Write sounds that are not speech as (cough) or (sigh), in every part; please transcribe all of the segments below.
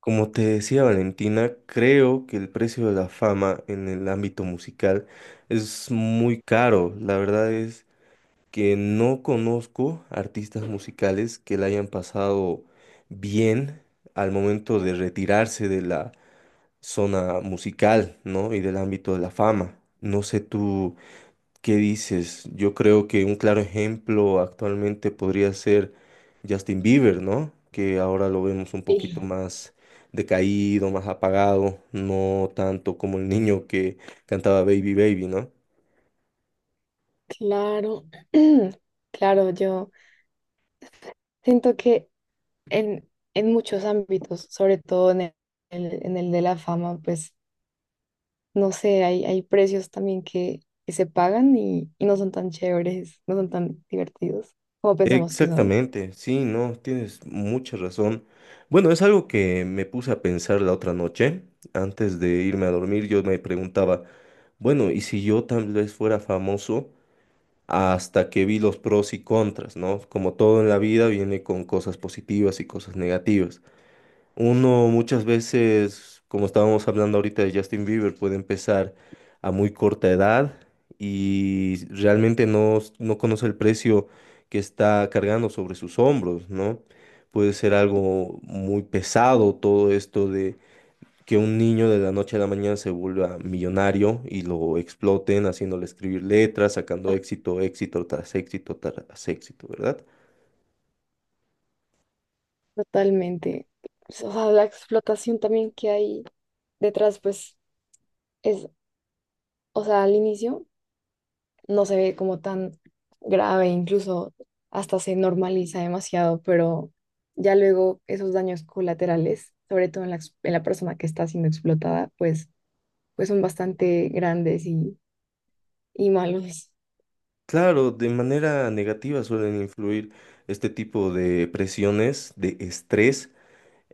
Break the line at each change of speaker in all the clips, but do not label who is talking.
Como te decía Valentina, creo que el precio de la fama en el ámbito musical es muy caro. La verdad es que no conozco artistas musicales que la hayan pasado bien al momento de retirarse de la zona musical, ¿no? Y del ámbito de la fama. No sé tú qué dices. Yo creo que un claro ejemplo actualmente podría ser Justin Bieber, ¿no? Que ahora lo vemos un
Sí,
poquito más decaído, más apagado, no tanto como el niño que cantaba Baby Baby, ¿no?
claro, (clears throat) claro, yo siento que en, en muchos ámbitos, sobre todo en en el de la fama, pues no sé, hay precios también que se pagan y no son tan chéveres, no son tan divertidos como pensamos que son.
Exactamente, sí, no, tienes mucha razón. Bueno, es algo que me puse a pensar la otra noche. Antes de irme a dormir, yo me preguntaba, bueno, ¿y si yo tal vez fuera famoso? Hasta que vi los pros y contras, ¿no? Como todo en la vida viene con cosas positivas y cosas negativas. Uno muchas veces, como estábamos hablando ahorita de Justin Bieber, puede empezar a muy corta edad y realmente no, no conoce el precio que está cargando sobre sus hombros, ¿no? Puede ser algo muy pesado todo esto de que un niño de la noche a la mañana se vuelva millonario y lo exploten haciéndole escribir letras, sacando éxito, éxito tras éxito tras éxito, ¿verdad?
Totalmente. O sea, la explotación también que hay detrás, pues es, o sea, al inicio no se ve como tan grave, incluso hasta se normaliza demasiado, pero ya luego esos daños colaterales, sobre todo en en la persona que está siendo explotada, pues, pues son bastante grandes y malos.
Claro, de manera negativa suelen influir este tipo de presiones, de estrés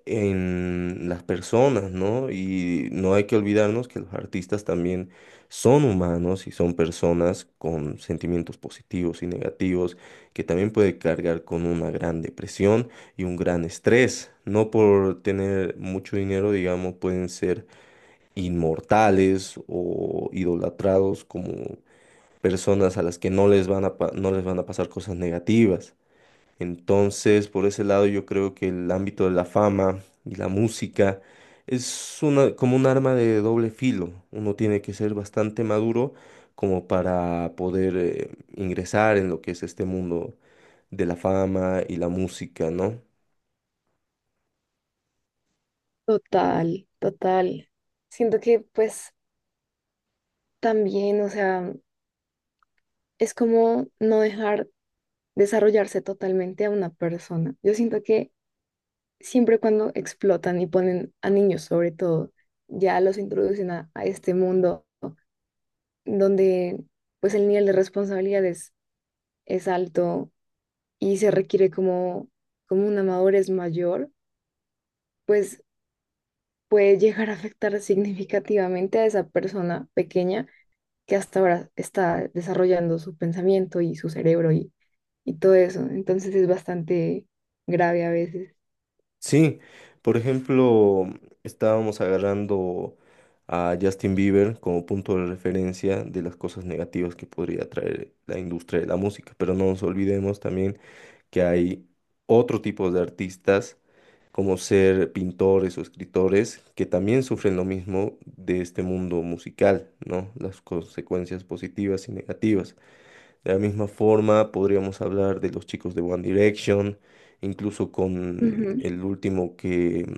en las personas, ¿no? Y no hay que olvidarnos que los artistas también son humanos y son personas con sentimientos positivos y negativos que también puede cargar con una gran depresión y un gran estrés. No por tener mucho dinero, digamos, pueden ser inmortales o idolatrados como personas a las que no les van a, no les van a pasar cosas negativas. Entonces, por ese lado, yo creo que el ámbito de la fama y la música es una, como un arma de doble filo. Uno tiene que ser bastante maduro como para poder ingresar en lo que es este mundo de la fama y la música, ¿no?
Total, total. Siento que pues también, o sea, es como no dejar desarrollarse totalmente a una persona. Yo siento que siempre cuando explotan y ponen a niños sobre todo, ya los introducen a este mundo donde pues el nivel de responsabilidades es alto y se requiere como una madurez mayor, pues puede llegar a afectar significativamente a esa persona pequeña que hasta ahora está desarrollando su pensamiento y su cerebro y todo eso. Entonces es bastante grave a veces.
Sí, por ejemplo, estábamos agarrando a Justin Bieber como punto de referencia de las cosas negativas que podría traer la industria de la música, pero no nos olvidemos también que hay otro tipo de artistas, como ser pintores o escritores, que también sufren lo mismo de este mundo musical, ¿no? Las consecuencias positivas y negativas. De la misma forma, podríamos hablar de los chicos de One Direction, incluso con
Ujú.
el último que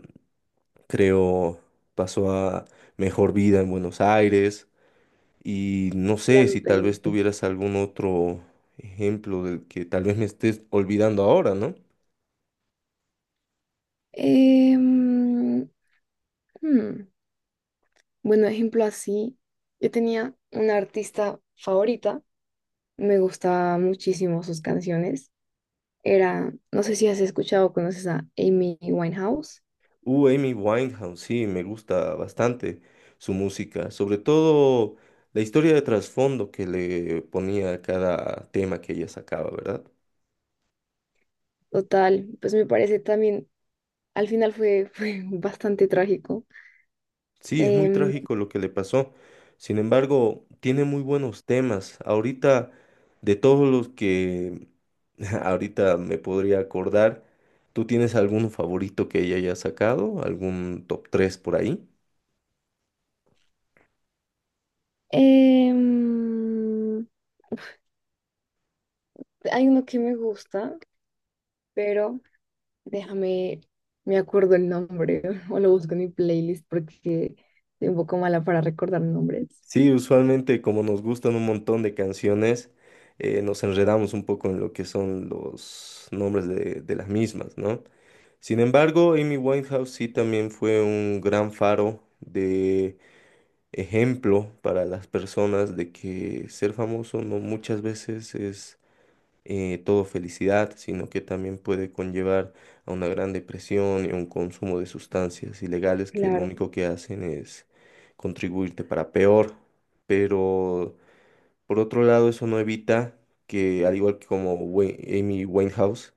creo pasó a Mejor Vida en Buenos Aires. Y no sé
Ian
si tal
Payne.
vez tuvieras algún otro ejemplo del que tal vez me estés olvidando ahora, ¿no?
Em, hmm, Bueno, ejemplo así, yo tenía una artista favorita. Me gustaban muchísimo sus canciones. Era, no sé si has escuchado o conoces a Amy Winehouse.
Amy Winehouse, sí, me gusta bastante su música, sobre todo la historia de trasfondo que le ponía a cada tema que ella sacaba, ¿verdad?
Total, pues me parece también, al final fue (laughs) bastante trágico.
Sí, es muy
Em,
trágico lo que le pasó. Sin embargo, tiene muy buenos temas. Ahorita, de todos los que (laughs) ahorita me podría acordar, ¿tú tienes alguno favorito que ella haya sacado? ¿Algún top 3 por ahí?
em, Hay uno que me gusta, pero Déjame, me acuerdo el nombre (laughs) o lo busco en mi playlist porque soy un poco mala para recordar nombres.
Sí, usualmente como nos gustan un montón de canciones, nos enredamos un poco en lo que son los nombres de las mismas, ¿no? Sin embargo, Amy Winehouse sí también fue un gran faro ejemplo para las personas de que ser famoso no muchas veces es todo felicidad, sino que también puede conllevar a una gran depresión y a un consumo de sustancias ilegales que lo
Claro.
único que hacen es contribuirte para peor. Pero por otro lado, eso no evita que, al igual que como Amy Winehouse,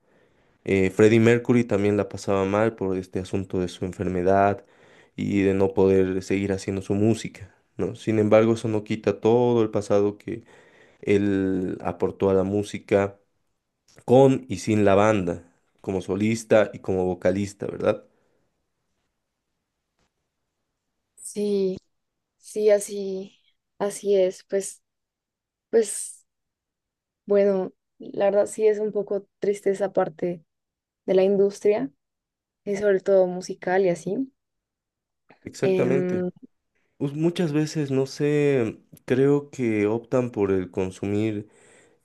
Freddie Mercury también la pasaba mal por este asunto de su enfermedad y de no poder seguir haciendo su música, ¿no? Sin embargo, eso no quita todo el pasado que él aportó a la música con y sin la banda, como solista y como vocalista, ¿verdad?
Sí, sí, así, así es. Pues, pues, bueno, la verdad sí es un poco triste esa parte de la industria, y sobre todo musical y así.
Exactamente.
Em,
Pues muchas veces, no sé, creo que optan por el consumir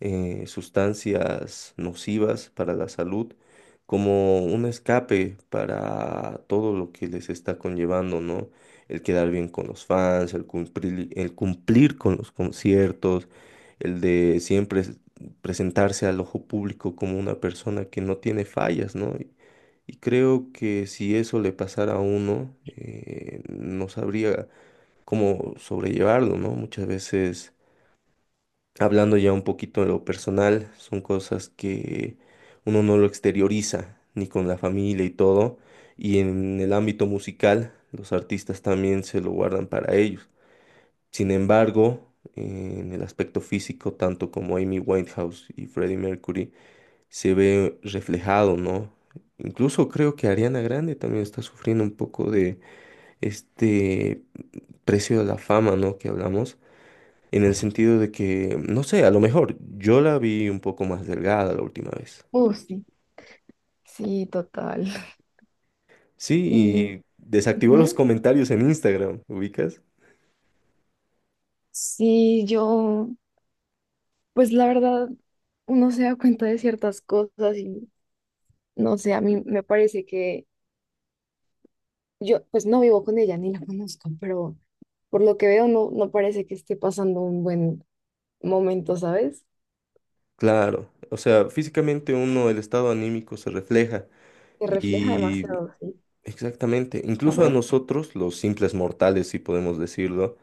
sustancias nocivas para la salud como un escape para todo lo que les está conllevando, ¿no? El quedar bien con los fans, el cumplir con los conciertos, el de siempre presentarse al ojo público como una persona que no tiene fallas, ¿no? Y creo que si eso le pasara a uno, no sabría cómo sobrellevarlo, ¿no? Muchas veces. Hablando ya un poquito de lo personal, son cosas que uno no lo exterioriza, ni con la familia y todo. Y en el ámbito musical, los artistas también se lo guardan para ellos. Sin embargo, en el aspecto físico, tanto como Amy Winehouse y Freddie Mercury, se ve reflejado, ¿no? Incluso creo que Ariana Grande también está sufriendo un poco de este precio de la fama, ¿no? Que hablamos en el sentido de que, no sé, a lo mejor yo la vi un poco más delgada la última vez.
Sí, sí, total. (laughs) Y
Sí, y desactivó los
ujú,
comentarios en Instagram, ¿ubicas?
sí, yo, pues la verdad, uno se da cuenta de ciertas cosas y no sé, a mí me parece que yo, pues no vivo con ella ni la conozco, pero por lo que veo no parece que esté pasando un buen momento, ¿sabes?
Claro, o sea, físicamente uno, el estado anímico se refleja
Que refleja
y
demasiado, sí.
exactamente, incluso a nosotros, los simples mortales, si podemos decirlo,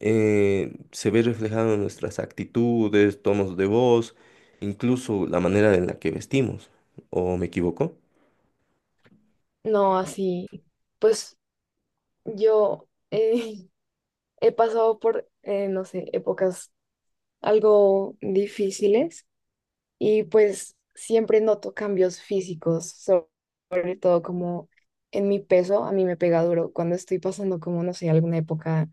se ve reflejado en nuestras actitudes, tonos de voz, incluso la manera en la que vestimos, ¿o me equivoco?
No, así, pues yo (laughs) he pasado por, no sé, épocas algo difíciles y pues siempre noto cambios físicos, sobre todo como en mi peso, a mí me pega duro cuando estoy pasando como, no sé, alguna época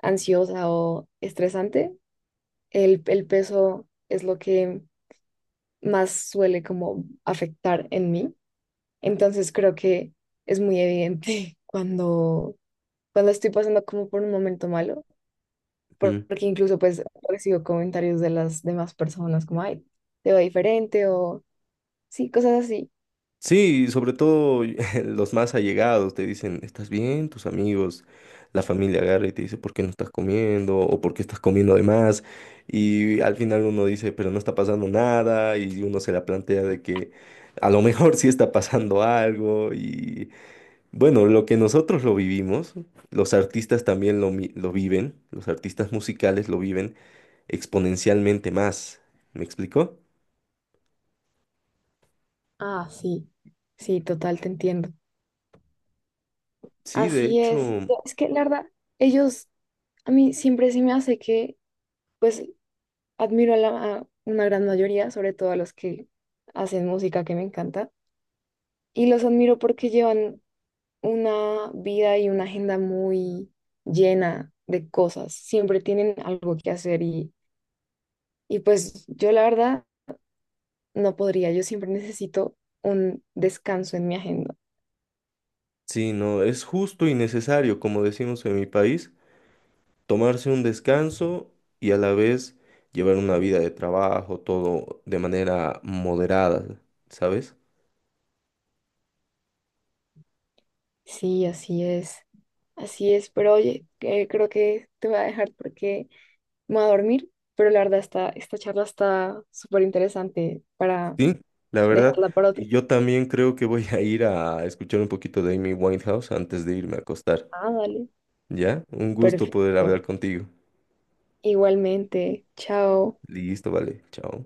ansiosa o estresante, el peso es lo que más suele como afectar en mí, entonces creo que es muy evidente (laughs) cuando estoy pasando como por un momento malo porque incluso pues recibo comentarios de las demás personas como, ay, te va diferente o sí, cosas así.
Sí, y sobre todo (laughs) los más allegados te dicen, ¿estás bien? Tus amigos, la familia agarra y te dice, ¿por qué no estás comiendo? ¿O por qué estás comiendo de más? Y al final uno dice, pero no está pasando nada y uno se la plantea de que a lo mejor (laughs) sí está pasando algo. Y bueno, lo que nosotros lo vivimos, los artistas también lo viven, los artistas musicales lo viven exponencialmente más. ¿Me explico?
Ah, sí, sí, total, te entiendo.
Sí, de
Así
hecho.
es. Es que la verdad, ellos, a mí siempre se me hace que, pues, admiro a, la, a una gran mayoría, sobre todo a los que hacen música que me encanta, y los admiro porque llevan una vida y una agenda muy llena de cosas, siempre tienen algo que hacer y... Y pues yo la verdad no podría, yo siempre necesito un descanso en mi agenda.
Sí, no, es justo y necesario, como decimos en mi país, tomarse un descanso y a la vez llevar una vida de trabajo, todo de manera moderada, ¿sabes?
Sí, así es, pero oye, creo que te voy a dejar porque me voy a dormir, pero la verdad esta charla está súper interesante para
Sí, la verdad.
dejarla para otro.
Y yo también creo que voy a ir a escuchar un poquito de Amy Winehouse antes de irme a acostar.
Ah, dale.
¿Ya? Un gusto poder hablar
Perfecto.
contigo.
Igualmente, chao.
Listo, vale. Chao.